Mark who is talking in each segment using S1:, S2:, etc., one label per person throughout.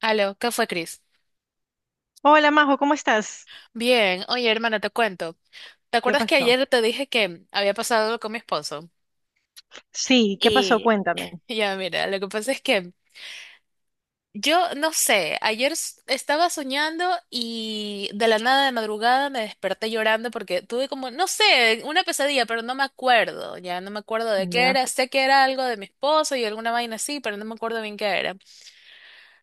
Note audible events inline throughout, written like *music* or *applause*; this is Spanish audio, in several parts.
S1: Aló, ¿qué fue, Chris?
S2: Hola Majo, ¿cómo estás?
S1: Bien, oye, hermana, te cuento. ¿Te
S2: ¿Qué
S1: acuerdas que
S2: pasó?
S1: ayer te dije que había pasado algo con mi esposo?
S2: Sí, ¿qué pasó?
S1: Y
S2: Cuéntame.
S1: ya, mira, lo que pasa es que yo no sé, ayer estaba soñando y de la nada de madrugada me desperté llorando porque tuve como, no sé, una pesadilla, pero no me acuerdo, ya no me acuerdo de qué
S2: Ya.
S1: era. Sé que era algo de mi esposo y alguna vaina así, pero no me acuerdo bien qué era.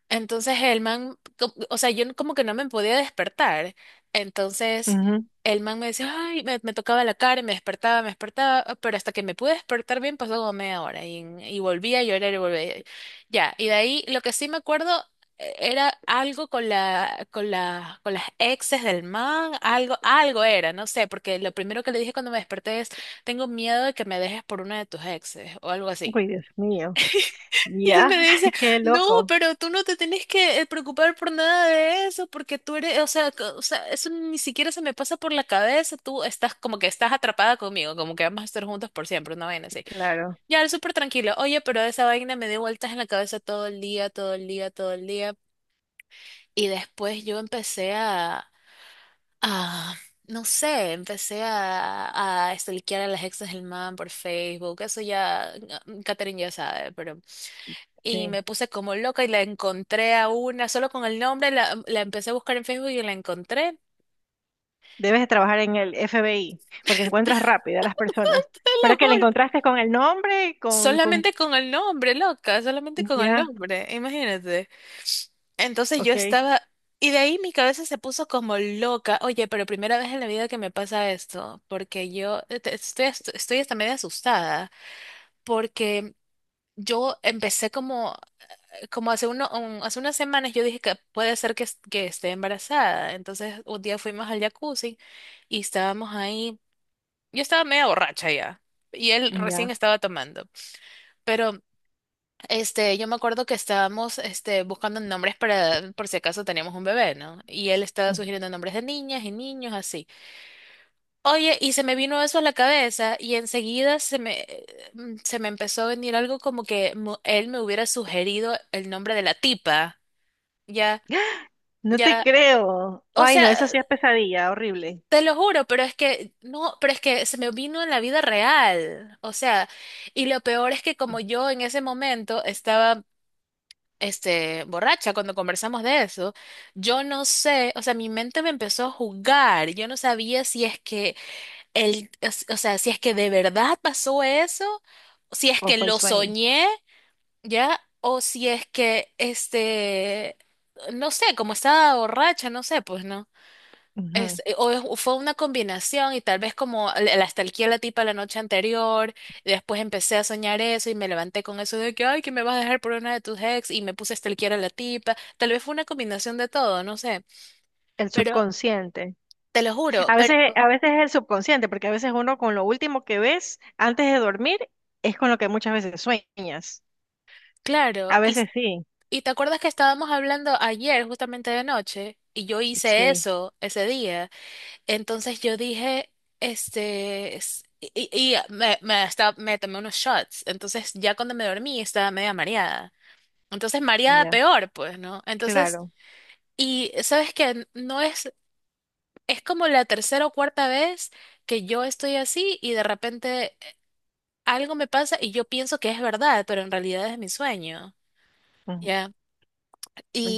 S1: Entonces el man, o sea, yo como que no me podía despertar. Entonces
S2: Ujú.
S1: el man me decía, ay, me tocaba la cara y me despertaba, ah, pero hasta que me pude despertar bien pasó como media hora y volvía a llorar y volvía. Ya, y de ahí lo que sí me acuerdo era algo con la, con la, con las exes del man, algo, algo era, no sé, porque lo primero que le dije cuando me desperté es, tengo miedo de que me dejes por una de tus exes o algo así.
S2: Uy, Dios mío.
S1: *laughs* Y él
S2: Ya,
S1: me dice,
S2: *laughs* qué
S1: no,
S2: loco.
S1: pero tú no te tenés que preocupar por nada de eso, porque tú eres, o sea, o sea, eso ni siquiera se me pasa por la cabeza, tú estás como que estás atrapada conmigo, como que vamos a estar juntos por siempre, una vaina así.
S2: Claro,
S1: Ya, él súper tranquilo, oye, pero esa vaina me dio vueltas en la cabeza todo el día, todo el día, todo el día. Y después yo a, no sé, a stalkear a las exes del man por Facebook, eso ya, Catherine ya sabe, pero y
S2: sí.
S1: me puse como loca y la encontré a una, solo con el nombre, la empecé a buscar en Facebook y la encontré,
S2: Debes de trabajar en el FBI porque encuentras rápido a las personas.
S1: te lo
S2: Pero que le
S1: juro.
S2: encontraste con el nombre, con...
S1: Solamente con el nombre, loca, solamente con el
S2: Ya,
S1: nombre, imagínate. Entonces yo
S2: ok,
S1: estaba, y de ahí mi cabeza se puso como loca. Oye, pero primera vez en la vida que me pasa esto, porque yo estoy, estoy hasta medio asustada, porque yo empecé como hace hace unas semanas yo dije que puede ser que, que esté embarazada. Entonces un día fuimos al jacuzzi y estábamos ahí. Yo estaba media borracha ya y él
S2: ya.
S1: recién estaba tomando. Pero este, yo me acuerdo que estábamos este, buscando nombres para por si acaso teníamos un bebé, ¿no? Y él estaba sugiriendo
S2: *gasps*
S1: nombres de niñas y niños así. Oye, y se me vino eso a la cabeza y enseguida se me, se me empezó a venir algo como que él me hubiera sugerido el nombre de la tipa. Ya,
S2: No te
S1: ya,
S2: creo.
S1: o
S2: Ay, no,
S1: sea,
S2: eso sí es pesadilla, horrible.
S1: te lo juro, pero es que no, pero es que se me vino en la vida real. O sea, y lo peor es que como yo en ese momento estaba este borracha cuando conversamos de eso, yo no sé, o sea, mi mente me empezó a jugar. Yo no sabía si es que o sea, si es que de verdad pasó eso, si es
S2: O
S1: que
S2: fue el
S1: lo
S2: sueño.
S1: soñé, ¿ya? O si es que este, no sé, como estaba borracha, no sé, pues no.
S2: Ujú.
S1: O fue una combinación y tal vez como la estalquía a la tipa la noche anterior, y después empecé a soñar eso y me levanté con eso de que, ay, que me vas a dejar por una de tus ex y me puse a stalkear a la tipa, tal vez fue una combinación de todo, no sé,
S2: El
S1: pero
S2: subconsciente.
S1: te lo juro, pero
S2: A veces es el subconsciente, porque a veces uno con lo último que ves antes de dormir es con lo que muchas veces sueñas.
S1: claro,
S2: A veces sí,
S1: y te acuerdas que estábamos hablando ayer justamente de noche y yo hice
S2: sí,
S1: eso ese día, entonces yo dije, este... y hasta, me tomé unos shots, entonces ya cuando me dormí estaba media mareada. Entonces mareada
S2: ya,
S1: peor, pues, ¿no? Entonces,
S2: claro,
S1: y sabes que no es, es como la tercera o cuarta vez que yo estoy así y de repente algo me pasa y yo pienso que es verdad, pero en realidad es mi sueño,
S2: ujú,
S1: ¿ya?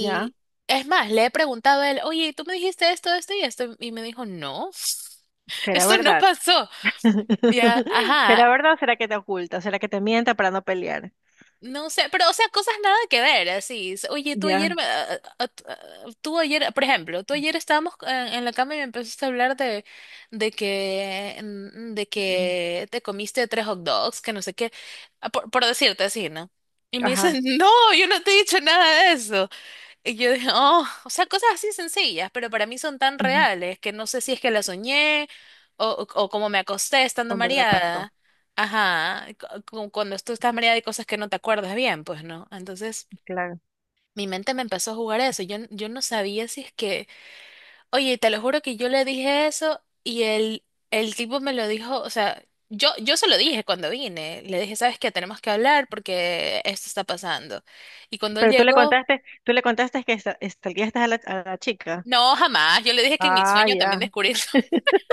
S2: ya,
S1: es más, le he preguntado a él, oye, ¿tú me dijiste esto, esto y esto? Y me dijo, no, *laughs*
S2: será
S1: esto no
S2: verdad.
S1: pasó, ¿ya?
S2: *laughs*
S1: Ajá,
S2: ¿Será verdad o será que te oculta? ¿Será que te mienta para no pelear?
S1: no sé, pero o sea, cosas nada que ver, así. Oye, tú
S2: Ya,
S1: ayer, me- a- tú ayer, por ejemplo, tú ayer estábamos en la cama y me empezaste a hablar de que, de
S2: mm,
S1: que te comiste tres hot dogs, que no sé qué, ah, por decirte así, ¿no? Y me dicen,
S2: ajá,
S1: *laughs* no, yo no te he dicho nada de eso. Y yo dije, oh, o sea, cosas así sencillas, pero para mí son tan
S2: ujú,
S1: reales que no sé si es que la soñé o como me acosté estando
S2: con verdad pasó,
S1: mareada. Ajá, cuando tú estás mareada hay cosas que no te acuerdas bien, pues no. Entonces,
S2: claro.
S1: mi mente me empezó a jugar eso. Yo no sabía si es que, oye, te lo juro que yo le dije eso y el tipo me lo dijo, o sea, yo se lo dije cuando vine. Le dije, ¿sabes qué? Tenemos que hablar porque esto está pasando. Y cuando él
S2: Pero
S1: llegó...
S2: tú le contaste que estalqueaste a la chica.
S1: No, jamás. Yo le dije que en mi
S2: Ah,
S1: sueño también
S2: ya.
S1: descubrí eso. *laughs*
S2: *laughs*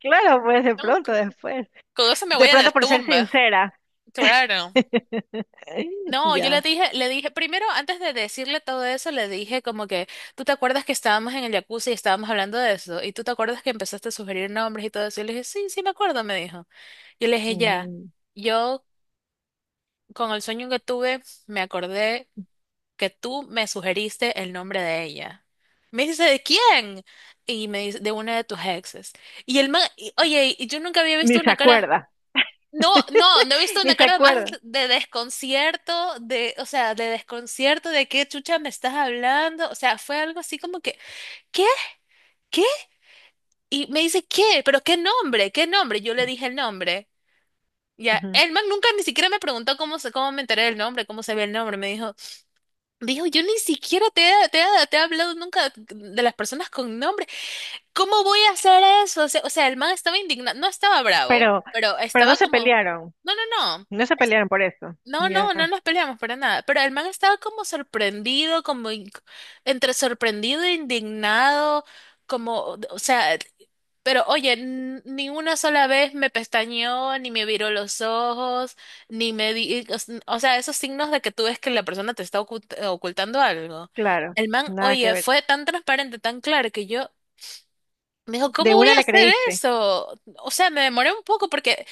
S2: Claro, pues de
S1: No,
S2: pronto después.
S1: con eso me voy
S2: De
S1: a la
S2: pronto por ser
S1: tumba.
S2: sincera.
S1: Claro.
S2: *laughs*
S1: No, yo
S2: Ya.
S1: le dije, primero, antes de decirle todo eso, le dije como que, ¿tú te acuerdas que estábamos en el jacuzzi y estábamos hablando de eso? ¿Y tú te acuerdas que empezaste a sugerir nombres y todo eso? Y le dije, sí, sí me acuerdo, me dijo. Yo le dije, ya,
S2: Mm,
S1: yo con el sueño que tuve, me acordé que tú me sugeriste el nombre de ella. Me dice, ¿de quién? Y me dice, de una de tus exes. Y el man, oye, y yo nunca había visto
S2: ni se
S1: una cara,
S2: acuerda.
S1: no,
S2: *laughs*
S1: no, no he visto
S2: Ni
S1: una
S2: se
S1: cara más
S2: acuerda.
S1: de desconcierto, de, o sea, de desconcierto, de qué chucha me estás hablando. O sea, fue algo así como que, ¿qué? ¿Qué? Y me dice, ¿qué? ¿Pero qué nombre? ¿Qué nombre? Yo le dije el nombre. Ya,
S2: Ujú.
S1: el man nunca ni siquiera me preguntó cómo, cómo me enteré del nombre, cómo se ve el nombre. Me dijo, dijo, yo ni siquiera te he hablado nunca de las personas con nombre. ¿Cómo voy a hacer eso? O sea, el man estaba indignado, no estaba bravo,
S2: Pero,
S1: pero
S2: pero no
S1: estaba
S2: se
S1: como,
S2: pelearon.
S1: no, no, no.
S2: No se pelearon por eso.
S1: No,
S2: Ya,
S1: no, no nos peleamos para nada. Pero el man estaba como sorprendido, entre sorprendido e indignado, como, o sea, pero oye, ni una sola vez me pestañeó, ni me viró los ojos, ni me di, o s- o sea, esos signos de que tú ves que la persona te está ocultando algo.
S2: claro.
S1: El man,
S2: Nada que
S1: oye,
S2: ver.
S1: fue tan transparente, tan claro que yo me dijo, ¿cómo
S2: De
S1: voy
S2: una
S1: a
S2: le
S1: hacer
S2: creíste.
S1: eso? O sea, me demoré un poco porque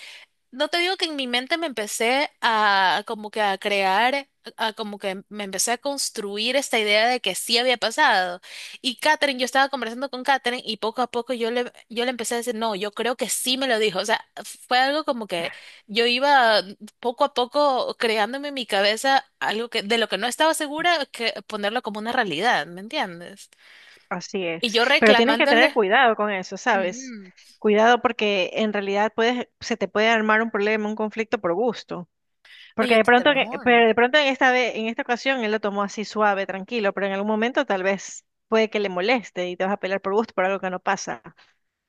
S1: no te digo que en mi mente me empecé a como que a crear, a, como que me empecé a construir esta idea de que sí había pasado. Y Katherine, yo estaba conversando con Katherine y poco a poco yo le empecé a decir, no, yo creo que sí me lo dijo. O sea, fue algo como que yo iba poco a poco creándome en mi cabeza algo que de lo que no estaba segura, que ponerlo como una realidad, ¿me entiendes?
S2: Así
S1: Y
S2: es.
S1: yo
S2: Pero tienes que tener
S1: reclamándole,
S2: cuidado con eso, ¿sabes?
S1: "Ujú,
S2: Cuidado porque en realidad puedes, se te puede armar un problema, un conflicto por gusto.
S1: oye,
S2: Porque de
S1: esto te
S2: pronto,
S1: lo
S2: que-
S1: juro.
S2: pero de pronto en esta vez, en esta ocasión él lo tomó así suave, tranquilo, pero en algún momento tal vez puede que le moleste y te vas a pelear por gusto por algo que no pasa.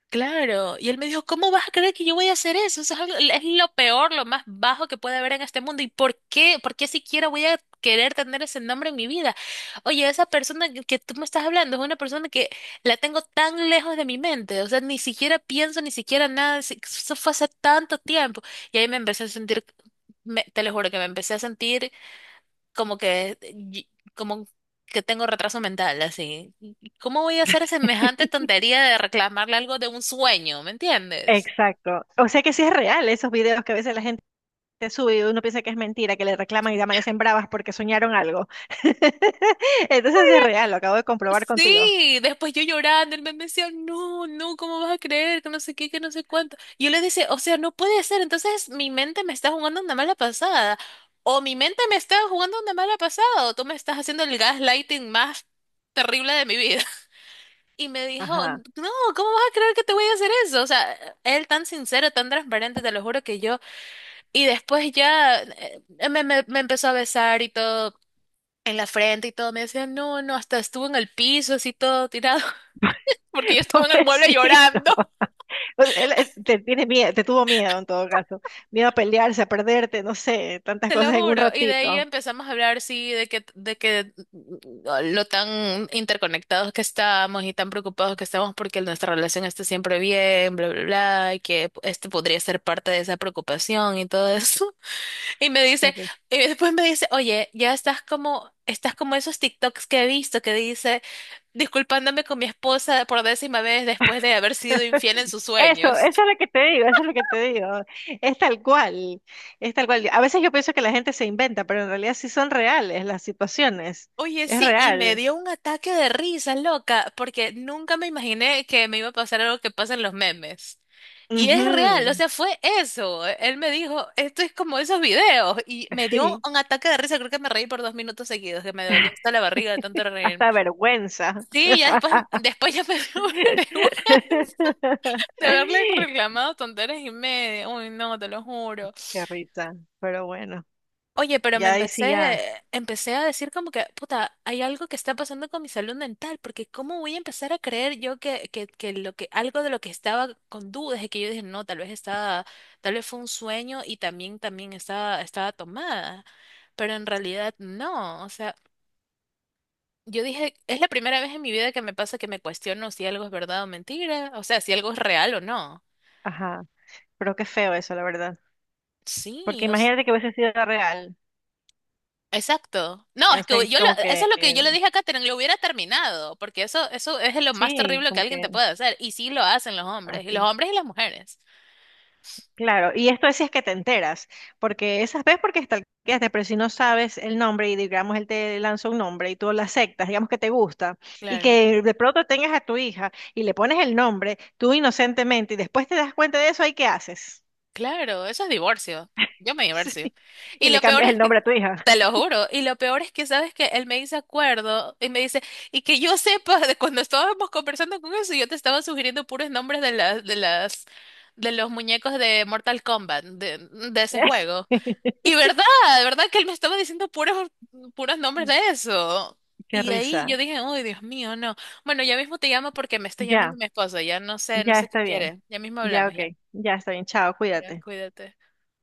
S1: Claro, y él me dijo, ¿cómo vas a creer que yo voy a hacer eso? Eso es, es lo peor, lo más bajo que puede haber en este mundo. ¿Y por qué? ¿Por qué siquiera voy a querer tener ese nombre en mi vida? Oye, esa persona que tú me estás hablando es una persona que la tengo tan lejos de mi mente, o sea, ni siquiera pienso, ni siquiera nada, eso fue hace tanto tiempo. Y ahí me empecé a sentir, te lo juro que me empecé a sentir como que, y- como que tengo retraso mental, así. ¿Cómo voy a hacer semejante tontería de reclamarle algo de un sueño? ¿Me entiendes?
S2: Exacto. O sea que sí es real esos videos que a veces la gente sube y uno piensa que es mentira, que le reclaman y amanecen bravas porque soñaron algo. *laughs* Entonces sí es real, lo acabo de comprobar contigo.
S1: Sí, después yo llorando, él me decía, no, no, ¿cómo vas a creer? Que no sé qué, que no sé cuánto. Y yo le decía, o sea, no puede ser, entonces mi mente me está jugando una mala pasada, o mi mente me está jugando una mala pasada, o tú me estás haciendo el gaslighting más terrible de mi vida. Y me dijo,
S2: Ajá.
S1: no, ¿cómo vas a creer que te voy a hacer eso? O sea, él tan sincero, tan transparente, te lo juro que yo. Y después ya me empezó a besar y todo en la frente y todo. Me decía, no, no, hasta estuvo en el piso así todo tirado, *laughs* porque
S2: *laughs*
S1: yo estaba en el mueble
S2: Pobrecito.
S1: llorando. *laughs*
S2: O sea, él te tiene miedo, te tuvo miedo en todo caso. Miedo a pelearse, a perderte, no sé, tantas
S1: Te lo
S2: cosas en un
S1: juro. Y de ahí
S2: ratito.
S1: empezamos a hablar, sí, de que, de que lo tan interconectados que estamos y tan preocupados que estamos porque nuestra relación esté siempre bien, bla, bla, bla, y que este podría ser parte de esa preocupación y todo eso. Y me dice, y después me dice, oye, ya estás como esos TikToks que he visto que dice, disculpándome con mi esposa por décima vez después de haber sido infiel en sus
S2: Eso,
S1: sueños. *laughs*
S2: eso es lo que te digo, eso es lo que te digo. Es tal cual, es tal cual. A veces yo pienso que la gente se inventa, pero en realidad sí son reales las situaciones.
S1: Oye,
S2: Es
S1: sí, y me
S2: real.
S1: dio un ataque de risa loca, porque nunca me imaginé que me iba a pasar algo que pasa en los memes. Y es real, o
S2: Ujú,
S1: sea, fue eso. Él me dijo, esto es como esos videos. Y me dio
S2: sí,
S1: un ataque de risa, creo que me reí por dos minutos seguidos, que me dolió hasta la barriga de tanto reírme.
S2: hasta vergüenza.
S1: Sí, ya después,
S2: *laughs*
S1: después ya me dio *laughs* vergüenza de haberles reclamado tonteras y media. Uy, no, te lo juro.
S2: Qué risa, pero bueno,
S1: Oye, pero
S2: ya ahí sí ya.
S1: empecé a decir como que, puta, hay algo que está pasando con mi salud mental, porque ¿cómo voy a empezar a creer yo que lo que, algo de lo que estaba con dudas es que yo dije, no, tal vez estaba, tal vez fue un sueño y también, también estaba, estaba tomada. Pero en realidad no, o sea, yo dije, es la primera vez en mi vida que me pasa que me cuestiono si algo es verdad o mentira, o sea, si algo es real o no.
S2: Ajá, pero qué feo eso, la verdad.
S1: Sí,
S2: Porque imagínate que hubiese sido real.
S1: exacto. No,
S2: O
S1: es que
S2: sea, que como
S1: eso es
S2: que,
S1: lo que yo le dije a Katherine, lo hubiera terminado, porque eso es lo más
S2: sí,
S1: terrible que
S2: como
S1: alguien te
S2: que
S1: puede hacer, y sí lo hacen los
S2: así.
S1: hombres y las mujeres.
S2: Claro, y esto es si es que te enteras, porque esas veces porque stalkeaste, pero si no sabes el nombre y digamos él te lanza un nombre y tú lo aceptas, digamos que te gusta, y
S1: Claro.
S2: que de pronto tengas a tu hija y le pones el nombre, tú inocentemente, y después te das cuenta de eso, ¿ahí qué haces? *laughs*
S1: Claro, eso es divorcio. Yo me
S2: Sí,
S1: divorcio. Y
S2: y le
S1: lo peor
S2: cambias
S1: es
S2: el
S1: que,
S2: nombre a tu hija.
S1: te lo juro, y lo peor es que sabes que él me dice acuerdo y me dice, y que yo sepa *laughs* de cuando estábamos conversando con eso, yo te estaba sugiriendo puros nombres de de los muñecos de Mortal Kombat, de ese juego. Y
S2: *laughs*
S1: verdad, verdad que él me estaba diciendo puros, puros nombres de eso.
S2: Qué
S1: Y ahí yo
S2: risa.
S1: dije, uy, Dios mío, no. Bueno, ya mismo te llamo porque me está llamando
S2: Ya,
S1: mi esposo. Ya no sé, no
S2: ya
S1: sé qué
S2: está bien.
S1: quiere. Ya mismo
S2: Ya,
S1: hablamos,
S2: ok.
S1: ya.
S2: Ya está bien. Chao,
S1: Ya,
S2: cuídate.
S1: cuídate.